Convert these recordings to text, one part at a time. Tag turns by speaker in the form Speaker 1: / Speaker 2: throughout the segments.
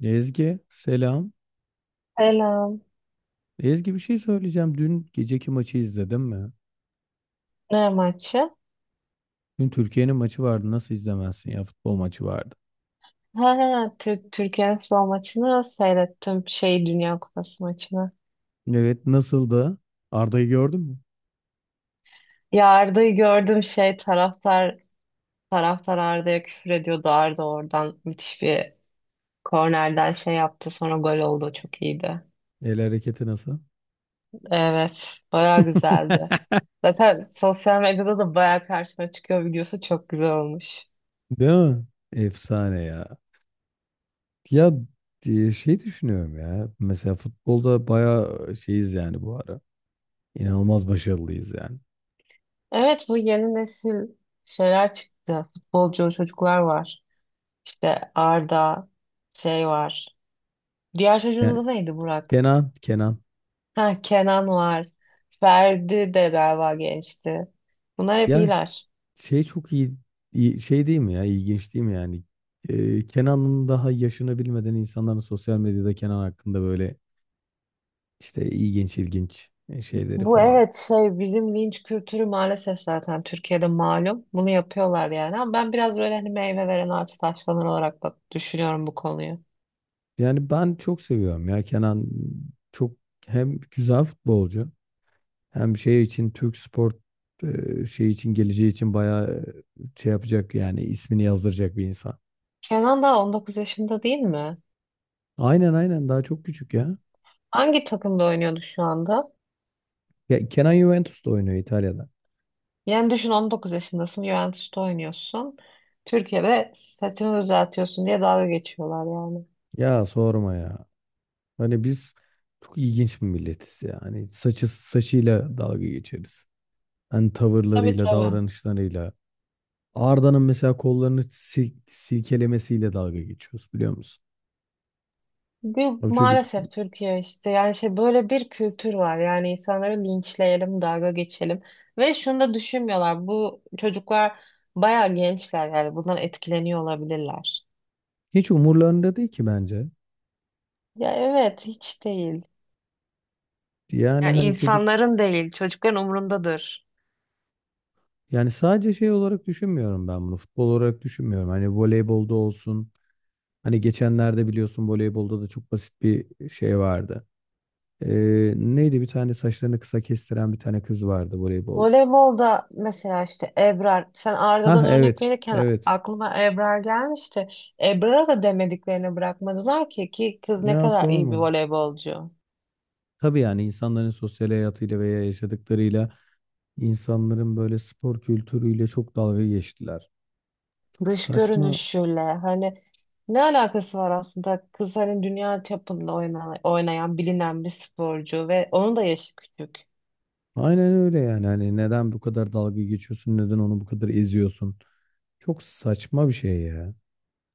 Speaker 1: Ezgi selam.
Speaker 2: Selam.
Speaker 1: Ezgi bir şey söyleyeceğim. Dün geceki maçı izledin mi?
Speaker 2: Ne maçı?
Speaker 1: Dün Türkiye'nin maçı vardı. Nasıl izlemezsin ya futbol maçı vardı.
Speaker 2: Ha, ha, Türkiye Aslan maçını seyrettim. Dünya Kupası maçını.
Speaker 1: Evet nasıldı? Arda'yı gördün mü?
Speaker 2: Ya Arda'yı gördüm, taraftar Arda'ya küfür ediyordu. Arda oradan müthiş bir kornerden şey yaptı. Sonra gol oldu. Çok iyiydi.
Speaker 1: El hareketi nasıl?
Speaker 2: Evet. Bayağı güzeldi. Zaten sosyal medyada da bayağı karşıma çıkıyor videosu. Çok güzel olmuş.
Speaker 1: Değil mi? Efsane ya. Ya şey düşünüyorum ya. Mesela futbolda bayağı şeyiz yani bu ara. İnanılmaz başarılıyız yani.
Speaker 2: Evet, bu yeni nesil şeyler çıktı. Futbolcu çocuklar var. İşte Arda şey var. Diğer çocuğun
Speaker 1: Yani
Speaker 2: adı neydi, Burak?
Speaker 1: Kenan.
Speaker 2: Ha, Kenan var. Ferdi de galiba gençti. Bunlar hep
Speaker 1: Ya ş-
Speaker 2: iyiler.
Speaker 1: Şey çok iyi, şey değil mi ya? İlginç değil mi yani? Kenan'ın daha yaşını bilmeden insanların sosyal medyada Kenan hakkında böyle işte ilginç ilginç şeyleri
Speaker 2: Bu
Speaker 1: falan.
Speaker 2: evet, bizim linç kültürü maalesef zaten Türkiye'de malum. Bunu yapıyorlar yani, ama ben biraz böyle hani meyve veren ağaç taşlanır olarak bak düşünüyorum bu konuyu.
Speaker 1: Yani ben çok seviyorum ya Kenan çok hem güzel futbolcu. Hem şey için Türk spor, şey için geleceği için bayağı şey yapacak yani ismini yazdıracak bir insan.
Speaker 2: Kenan daha 19 yaşında değil mi?
Speaker 1: Aynen daha çok küçük ya.
Speaker 2: Hangi takımda oynuyordu şu anda?
Speaker 1: Ya Kenan Juventus'ta oynuyor İtalya'da.
Speaker 2: Yani düşün, 19 yaşındasın, Juventus'ta oynuyorsun. Türkiye'de saçını düzeltiyorsun diye dalga geçiyorlar yani.
Speaker 1: Ya sorma ya. Hani biz çok ilginç bir milletiz ya. Hani saçı saçıyla dalga geçeriz. Hani
Speaker 2: Tabii,
Speaker 1: tavırlarıyla,
Speaker 2: tabii.
Speaker 1: davranışlarıyla. Arda'nın mesela kollarını silkelemesiyle dalga geçiyoruz biliyor musun?
Speaker 2: Bir,
Speaker 1: O çocuk
Speaker 2: maalesef Türkiye işte, yani şey böyle bir kültür var, yani insanları linçleyelim, dalga geçelim ve şunu da düşünmüyorlar, bu çocuklar bayağı gençler yani bundan etkileniyor olabilirler.
Speaker 1: hiç umurlarında değil ki bence.
Speaker 2: Ya evet, hiç değil.
Speaker 1: Yani
Speaker 2: Yani
Speaker 1: hani çocuk.
Speaker 2: insanların değil, çocukların umrundadır.
Speaker 1: Yani sadece şey olarak düşünmüyorum ben bunu. Futbol olarak düşünmüyorum. Hani voleybolda olsun. Hani geçenlerde biliyorsun voleybolda da çok basit bir şey vardı. Neydi bir tane saçlarını kısa kestiren bir tane kız vardı voleybolcu.
Speaker 2: Voleybolda mesela işte Ebrar, sen
Speaker 1: Ha
Speaker 2: Arda'dan örnek
Speaker 1: evet.
Speaker 2: verirken
Speaker 1: Evet.
Speaker 2: aklıma Ebrar gelmişti. Ebrar'a da demediklerini bırakmadılar, ki kız ne
Speaker 1: Ya
Speaker 2: kadar iyi bir
Speaker 1: sorma.
Speaker 2: voleybolcu.
Speaker 1: Tabii yani insanların sosyal hayatıyla veya yaşadıklarıyla insanların böyle spor kültürüyle çok dalga geçtiler. Çok
Speaker 2: Dış
Speaker 1: saçma.
Speaker 2: görünüşüyle, hani ne alakası var aslında, kız hani dünya çapında oynayan, bilinen bir sporcu ve onun da yaşı küçük.
Speaker 1: Aynen öyle yani. Hani neden bu kadar dalga geçiyorsun? Neden onu bu kadar eziyorsun? Çok saçma bir şey ya.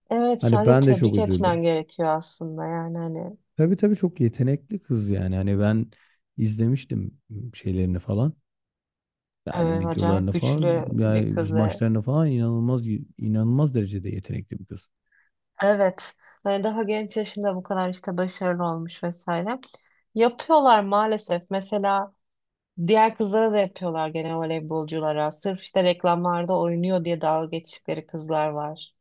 Speaker 2: Evet,
Speaker 1: Hani
Speaker 2: sadece
Speaker 1: ben de çok
Speaker 2: tebrik
Speaker 1: üzüldüm.
Speaker 2: etmen gerekiyor aslında, yani hani,
Speaker 1: Tabii çok yetenekli kız yani. Hani ben izlemiştim şeylerini falan.
Speaker 2: e,
Speaker 1: Yani
Speaker 2: acayip
Speaker 1: videolarını falan,
Speaker 2: güçlü bir
Speaker 1: yani biz
Speaker 2: kız ve
Speaker 1: maçlarını falan inanılmaz inanılmaz derecede yetenekli bir kız.
Speaker 2: evet, hani daha genç yaşında bu kadar işte başarılı olmuş vesaire. Yapıyorlar maalesef, mesela diğer kızlara da yapıyorlar gene, voleybolculara sırf işte reklamlarda oynuyor diye dalga geçtikleri kızlar var.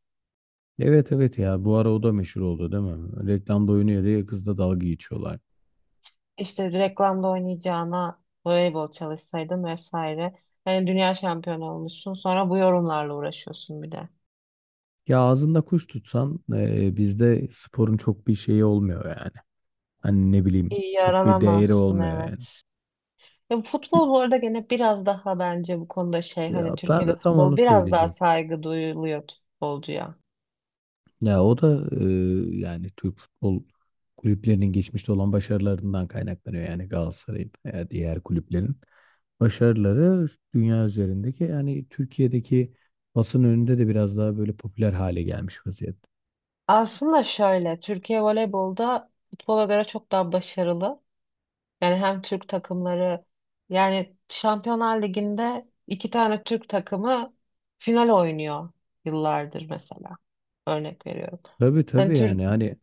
Speaker 1: Evet evet ya bu ara o da meşhur oldu değil mi? Reklamda oynuyor diye kızla dalga geçiyorlar.
Speaker 2: İşte reklamda oynayacağına voleybol çalışsaydın vesaire. Yani dünya şampiyonu olmuşsun, sonra bu yorumlarla uğraşıyorsun bir de.
Speaker 1: Ya ağzında kuş tutsan bizde sporun çok bir şeyi olmuyor yani. Hani ne bileyim
Speaker 2: İyi
Speaker 1: çok bir değeri
Speaker 2: yaralamazsın,
Speaker 1: olmuyor yani.
Speaker 2: evet. Ya futbol bu arada gene biraz daha bence bu konuda hani
Speaker 1: Ya ben de
Speaker 2: Türkiye'de
Speaker 1: tam
Speaker 2: futbol
Speaker 1: onu
Speaker 2: biraz daha
Speaker 1: söyleyecektim.
Speaker 2: saygı duyuluyor futbolcuya.
Speaker 1: Ya o da yani Türk futbol kulüplerinin geçmişte olan başarılarından kaynaklanıyor. Yani Galatasaray'ın veya diğer kulüplerin başarıları dünya üzerindeki yani Türkiye'deki basın önünde de biraz daha böyle popüler hale gelmiş vaziyette.
Speaker 2: Aslında şöyle, Türkiye voleybolda futbola göre çok daha başarılı. Yani hem Türk takımları, yani Şampiyonlar Ligi'nde iki tane Türk takımı final oynuyor yıllardır mesela. Örnek veriyorum.
Speaker 1: Tabii
Speaker 2: Hani
Speaker 1: tabii
Speaker 2: Türk
Speaker 1: yani hani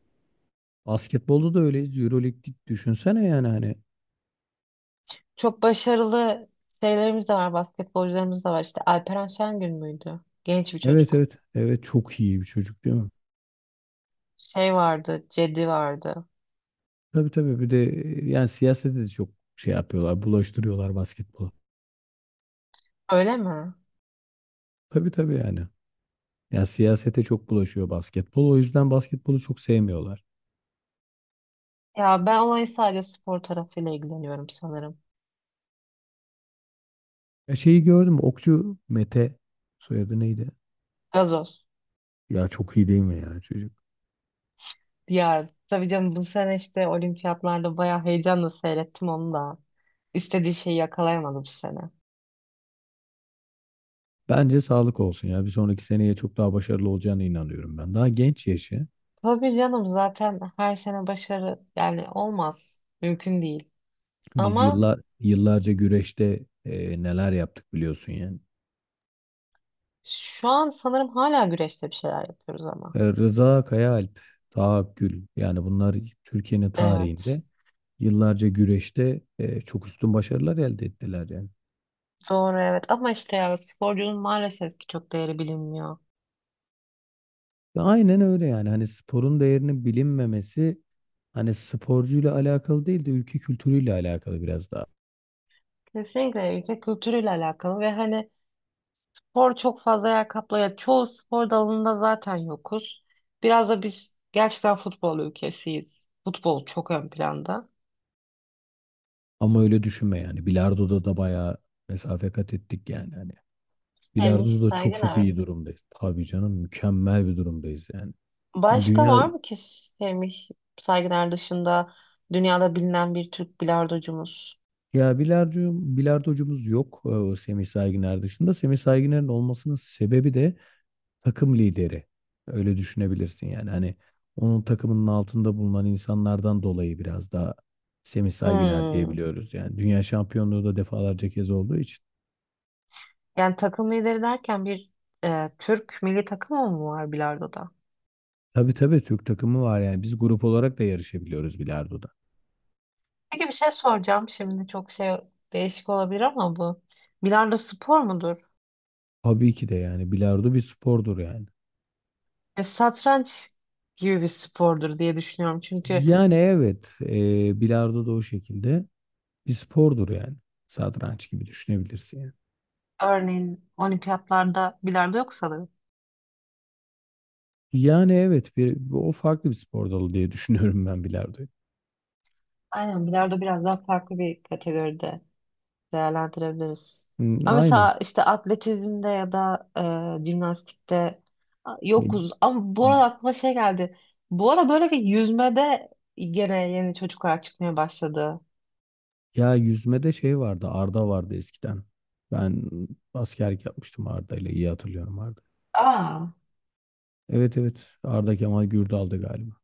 Speaker 1: basketbolda da öyleyiz. Euroleague'lik düşünsene yani hani.
Speaker 2: çok başarılı şeylerimiz de var, basketbolcularımız da var. İşte Alperen Şengün müydü? Genç bir
Speaker 1: Evet
Speaker 2: çocuk.
Speaker 1: evet evet çok iyi bir çocuk değil mi?
Speaker 2: Şey vardı, Cedi vardı.
Speaker 1: Tabii bir de yani siyasete de çok şey yapıyorlar bulaştırıyorlar basketbolu.
Speaker 2: Öyle mi?
Speaker 1: Tabii yani. Ya siyasete çok bulaşıyor basketbol. O yüzden basketbolu çok sevmiyorlar.
Speaker 2: Ya ben olayın sadece spor tarafıyla ilgileniyorum sanırım.
Speaker 1: Ya şeyi gördüm. Okçu Mete soyadı neydi?
Speaker 2: Gazoz.
Speaker 1: Ya çok iyi değil mi ya çocuk?
Speaker 2: Ya tabii canım, bu sene işte olimpiyatlarda bayağı heyecanla seyrettim onu da. İstediği şeyi yakalayamadı bu sene.
Speaker 1: Bence sağlık olsun ya. Bir sonraki seneye çok daha başarılı olacağına inanıyorum ben. Daha genç yaşı.
Speaker 2: Tabii canım, zaten her sene başarı yani olmaz. Mümkün değil.
Speaker 1: Biz
Speaker 2: Ama
Speaker 1: yıllar yıllarca güreşte neler yaptık biliyorsun yani.
Speaker 2: şu an sanırım hala güreşte bir şeyler yapıyoruz ama.
Speaker 1: Rıza Kayaalp, Taha Gül yani bunlar Türkiye'nin
Speaker 2: Evet.
Speaker 1: tarihinde yıllarca güreşte çok üstün başarılar elde ettiler yani.
Speaker 2: Doğru, evet, ama işte ya sporcunun maalesef ki çok değeri bilinmiyor.
Speaker 1: Aynen öyle yani. Hani sporun değerinin bilinmemesi hani sporcuyla alakalı değil de ülke kültürüyle alakalı biraz daha.
Speaker 2: Kesinlikle ülke kültürüyle alakalı ve hani spor çok fazla yer kaplıyor. Çoğu spor dalında zaten yokuz. Biraz da biz gerçekten futbol ülkesiyiz. Futbol çok ön planda.
Speaker 1: Ama öyle düşünme yani. Bilardo'da da bayağı mesafe kat ettik yani. Hani
Speaker 2: Emir
Speaker 1: bilardo'da da çok
Speaker 2: Saygın
Speaker 1: çok
Speaker 2: abi.
Speaker 1: iyi durumdayız. Tabii canım mükemmel bir durumdayız yani. Hani
Speaker 2: Başka
Speaker 1: dünya,
Speaker 2: var mı ki Semih Saygıner dışında dünyada bilinen bir Türk bilardocumuz?
Speaker 1: ya bilardo bilardocumuz yok. O Semih Saygıner dışında. Semih Saygıner'in olmasının sebebi de takım lideri. Öyle düşünebilirsin yani. Hani onun takımının altında bulunan insanlardan dolayı biraz daha Semih Saygıner
Speaker 2: Hmm.
Speaker 1: diyebiliyoruz. Yani dünya şampiyonluğu da defalarca kez olduğu için.
Speaker 2: Yani takım lideri derken bir, Türk milli takımı mı var bilardoda?
Speaker 1: Tabii Türk takımı var yani. Biz grup olarak da yarışabiliyoruz bilardoda.
Speaker 2: Peki bir şey soracağım şimdi, çok değişik olabilir ama bu. Bilardo spor mudur?
Speaker 1: Tabii ki de yani bilardo bir spordur yani.
Speaker 2: Satranç gibi bir spordur diye düşünüyorum. Çünkü
Speaker 1: Yani evet bilardo da o şekilde bir spordur yani. Satranç gibi düşünebilirsin yani.
Speaker 2: örneğin olimpiyatlarda bilardo yok sanırım.
Speaker 1: Yani evet bir, o farklı bir spor dalı diye düşünüyorum ben bilardoyu.
Speaker 2: Aynen, bilardo biraz daha farklı bir kategoride değerlendirebiliriz.
Speaker 1: Hı,
Speaker 2: Ama
Speaker 1: aynen.
Speaker 2: mesela işte atletizmde ya da jimnastikte yokuz. Ama bu arada aklıma şey geldi. Bu ara böyle bir yüzmede gene yeni çocuklar çıkmaya başladı.
Speaker 1: Ya yüzmede şey vardı, Arda vardı eskiden. Ben askerlik yapmıştım Arda ile iyi hatırlıyorum Arda.
Speaker 2: Aa,
Speaker 1: Evet evet Arda Kemal Gürdal'dı galiba.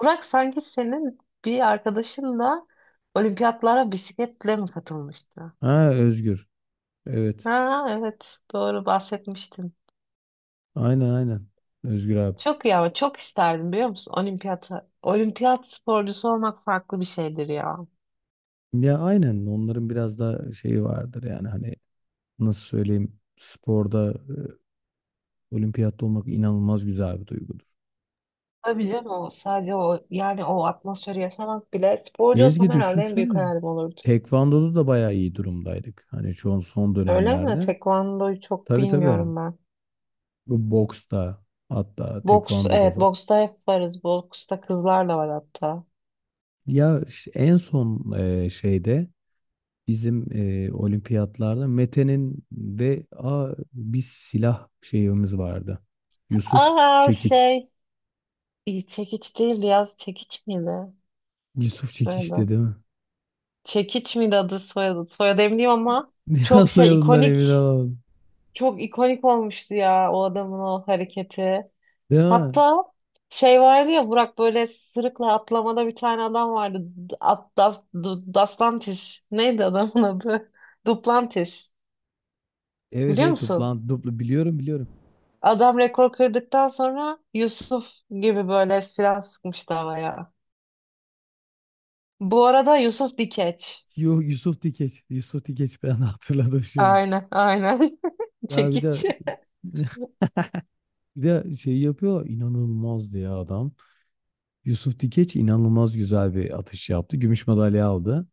Speaker 2: Burak, sanki senin bir arkadaşın da olimpiyatlara bisikletle mi katılmıştı?
Speaker 1: Ha Özgür. Evet.
Speaker 2: Ha, evet, doğru bahsetmiştin.
Speaker 1: Aynen aynen. Özgür abi.
Speaker 2: Çok iyi, ama çok isterdim, biliyor musun? Olimpiyat sporcusu olmak farklı bir şeydir ya.
Speaker 1: Ya aynen onların biraz da şeyi vardır yani hani nasıl söyleyeyim sporda olimpiyatta olmak inanılmaz güzel bir duygudur.
Speaker 2: Tabii canım, o sadece o, yani o atmosferi yaşamak bile, sporcu olsam
Speaker 1: Ezgi
Speaker 2: herhalde en büyük
Speaker 1: düşünsene.
Speaker 2: hayalim olurdu.
Speaker 1: Tekvando'da da bayağı iyi durumdaydık. Hani çoğun son
Speaker 2: Öyle mi?
Speaker 1: dönemlerde.
Speaker 2: Tekvando'yu çok
Speaker 1: Tabii.
Speaker 2: bilmiyorum ben.
Speaker 1: Bu boksta hatta
Speaker 2: Boks,
Speaker 1: tekvandoda
Speaker 2: evet,
Speaker 1: falan.
Speaker 2: boksta hep varız. Boksta kızlar da var hatta.
Speaker 1: En son şeyde bizim olimpiyatlarda Mete'nin ve bir silah şeyimiz vardı. Yusuf
Speaker 2: Aa,
Speaker 1: Çekiç.
Speaker 2: iyi, çekiç değildi ya, çekiç miydi
Speaker 1: Yusuf Çekiç
Speaker 2: soyadı?
Speaker 1: dedi mi?
Speaker 2: Çekiç miydi adı soyadı? Soyadı eminim ama
Speaker 1: Ya
Speaker 2: çok
Speaker 1: soyadından emin
Speaker 2: ikonik,
Speaker 1: olamadım.
Speaker 2: çok ikonik olmuştu ya o adamın o hareketi.
Speaker 1: Değil mi?
Speaker 2: Hatta şey vardı ya, Burak, böyle sırıkla atlamada bir tane adam vardı. Duplantis. Neydi adamın adı? Duplantis.
Speaker 1: Evet
Speaker 2: Biliyor
Speaker 1: evet
Speaker 2: musun?
Speaker 1: duplan duplu biliyorum biliyorum.
Speaker 2: Adam rekor kırdıktan sonra Yusuf gibi böyle silah sıkmıştı havaya. Bu arada Yusuf Dikeç.
Speaker 1: Yo, Yusuf Dikeç. Yusuf Dikeç ben hatırladım şimdi.
Speaker 2: Aynen, aynen.
Speaker 1: Ya bir
Speaker 2: Çekiç.
Speaker 1: de bir de şey yapıyor inanılmazdı ya adam. Yusuf Dikeç inanılmaz güzel bir atış yaptı. Gümüş madalya aldı.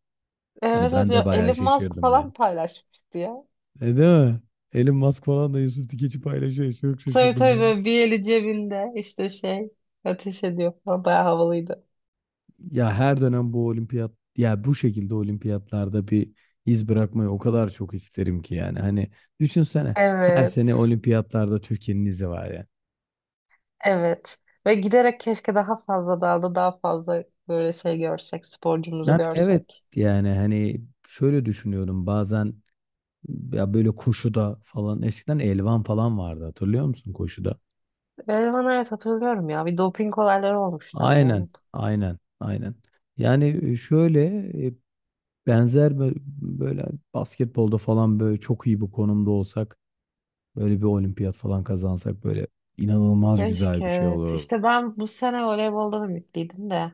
Speaker 1: Hani
Speaker 2: Evet, evet,
Speaker 1: ben de
Speaker 2: ya
Speaker 1: bayağı
Speaker 2: Elon Musk
Speaker 1: şaşırdım yani.
Speaker 2: falan paylaşmıştı ya.
Speaker 1: E değil mi? Elon Musk falan da Yusuf Dikeç'i paylaşıyor. Çok
Speaker 2: Tabii,
Speaker 1: şaşırdım
Speaker 2: tabii,
Speaker 1: ben.
Speaker 2: böyle bir eli cebinde işte ateş ediyor falan, bayağı havalıydı.
Speaker 1: Ya her dönem bu olimpiyat ya bu şekilde olimpiyatlarda bir iz bırakmayı o kadar çok isterim ki yani. Hani düşünsene her sene
Speaker 2: Evet.
Speaker 1: olimpiyatlarda Türkiye'nin izi var ya.
Speaker 2: Evet. Ve giderek keşke daha fazla dalda daha fazla böyle görsek, sporcumuzu
Speaker 1: Yani evet
Speaker 2: görsek.
Speaker 1: yani hani şöyle düşünüyorum bazen ya böyle koşuda falan eskiden elvan falan vardı hatırlıyor musun koşuda?
Speaker 2: Ben evet, hatırlıyorum ya. Bir doping olayları olmuştu ama
Speaker 1: Aynen,
Speaker 2: onun.
Speaker 1: aynen. Yani şöyle e, benzer böyle basketbolda falan böyle çok iyi bir konumda olsak, böyle bir olimpiyat falan kazansak böyle inanılmaz
Speaker 2: Keşke
Speaker 1: güzel bir şey olur.
Speaker 2: evet. İşte ben bu sene voleyboldan ümitliydim de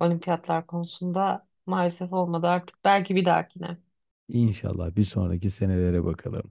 Speaker 2: olimpiyatlar konusunda maalesef olmadı artık. Belki bir dahakine.
Speaker 1: İnşallah bir sonraki senelere bakalım.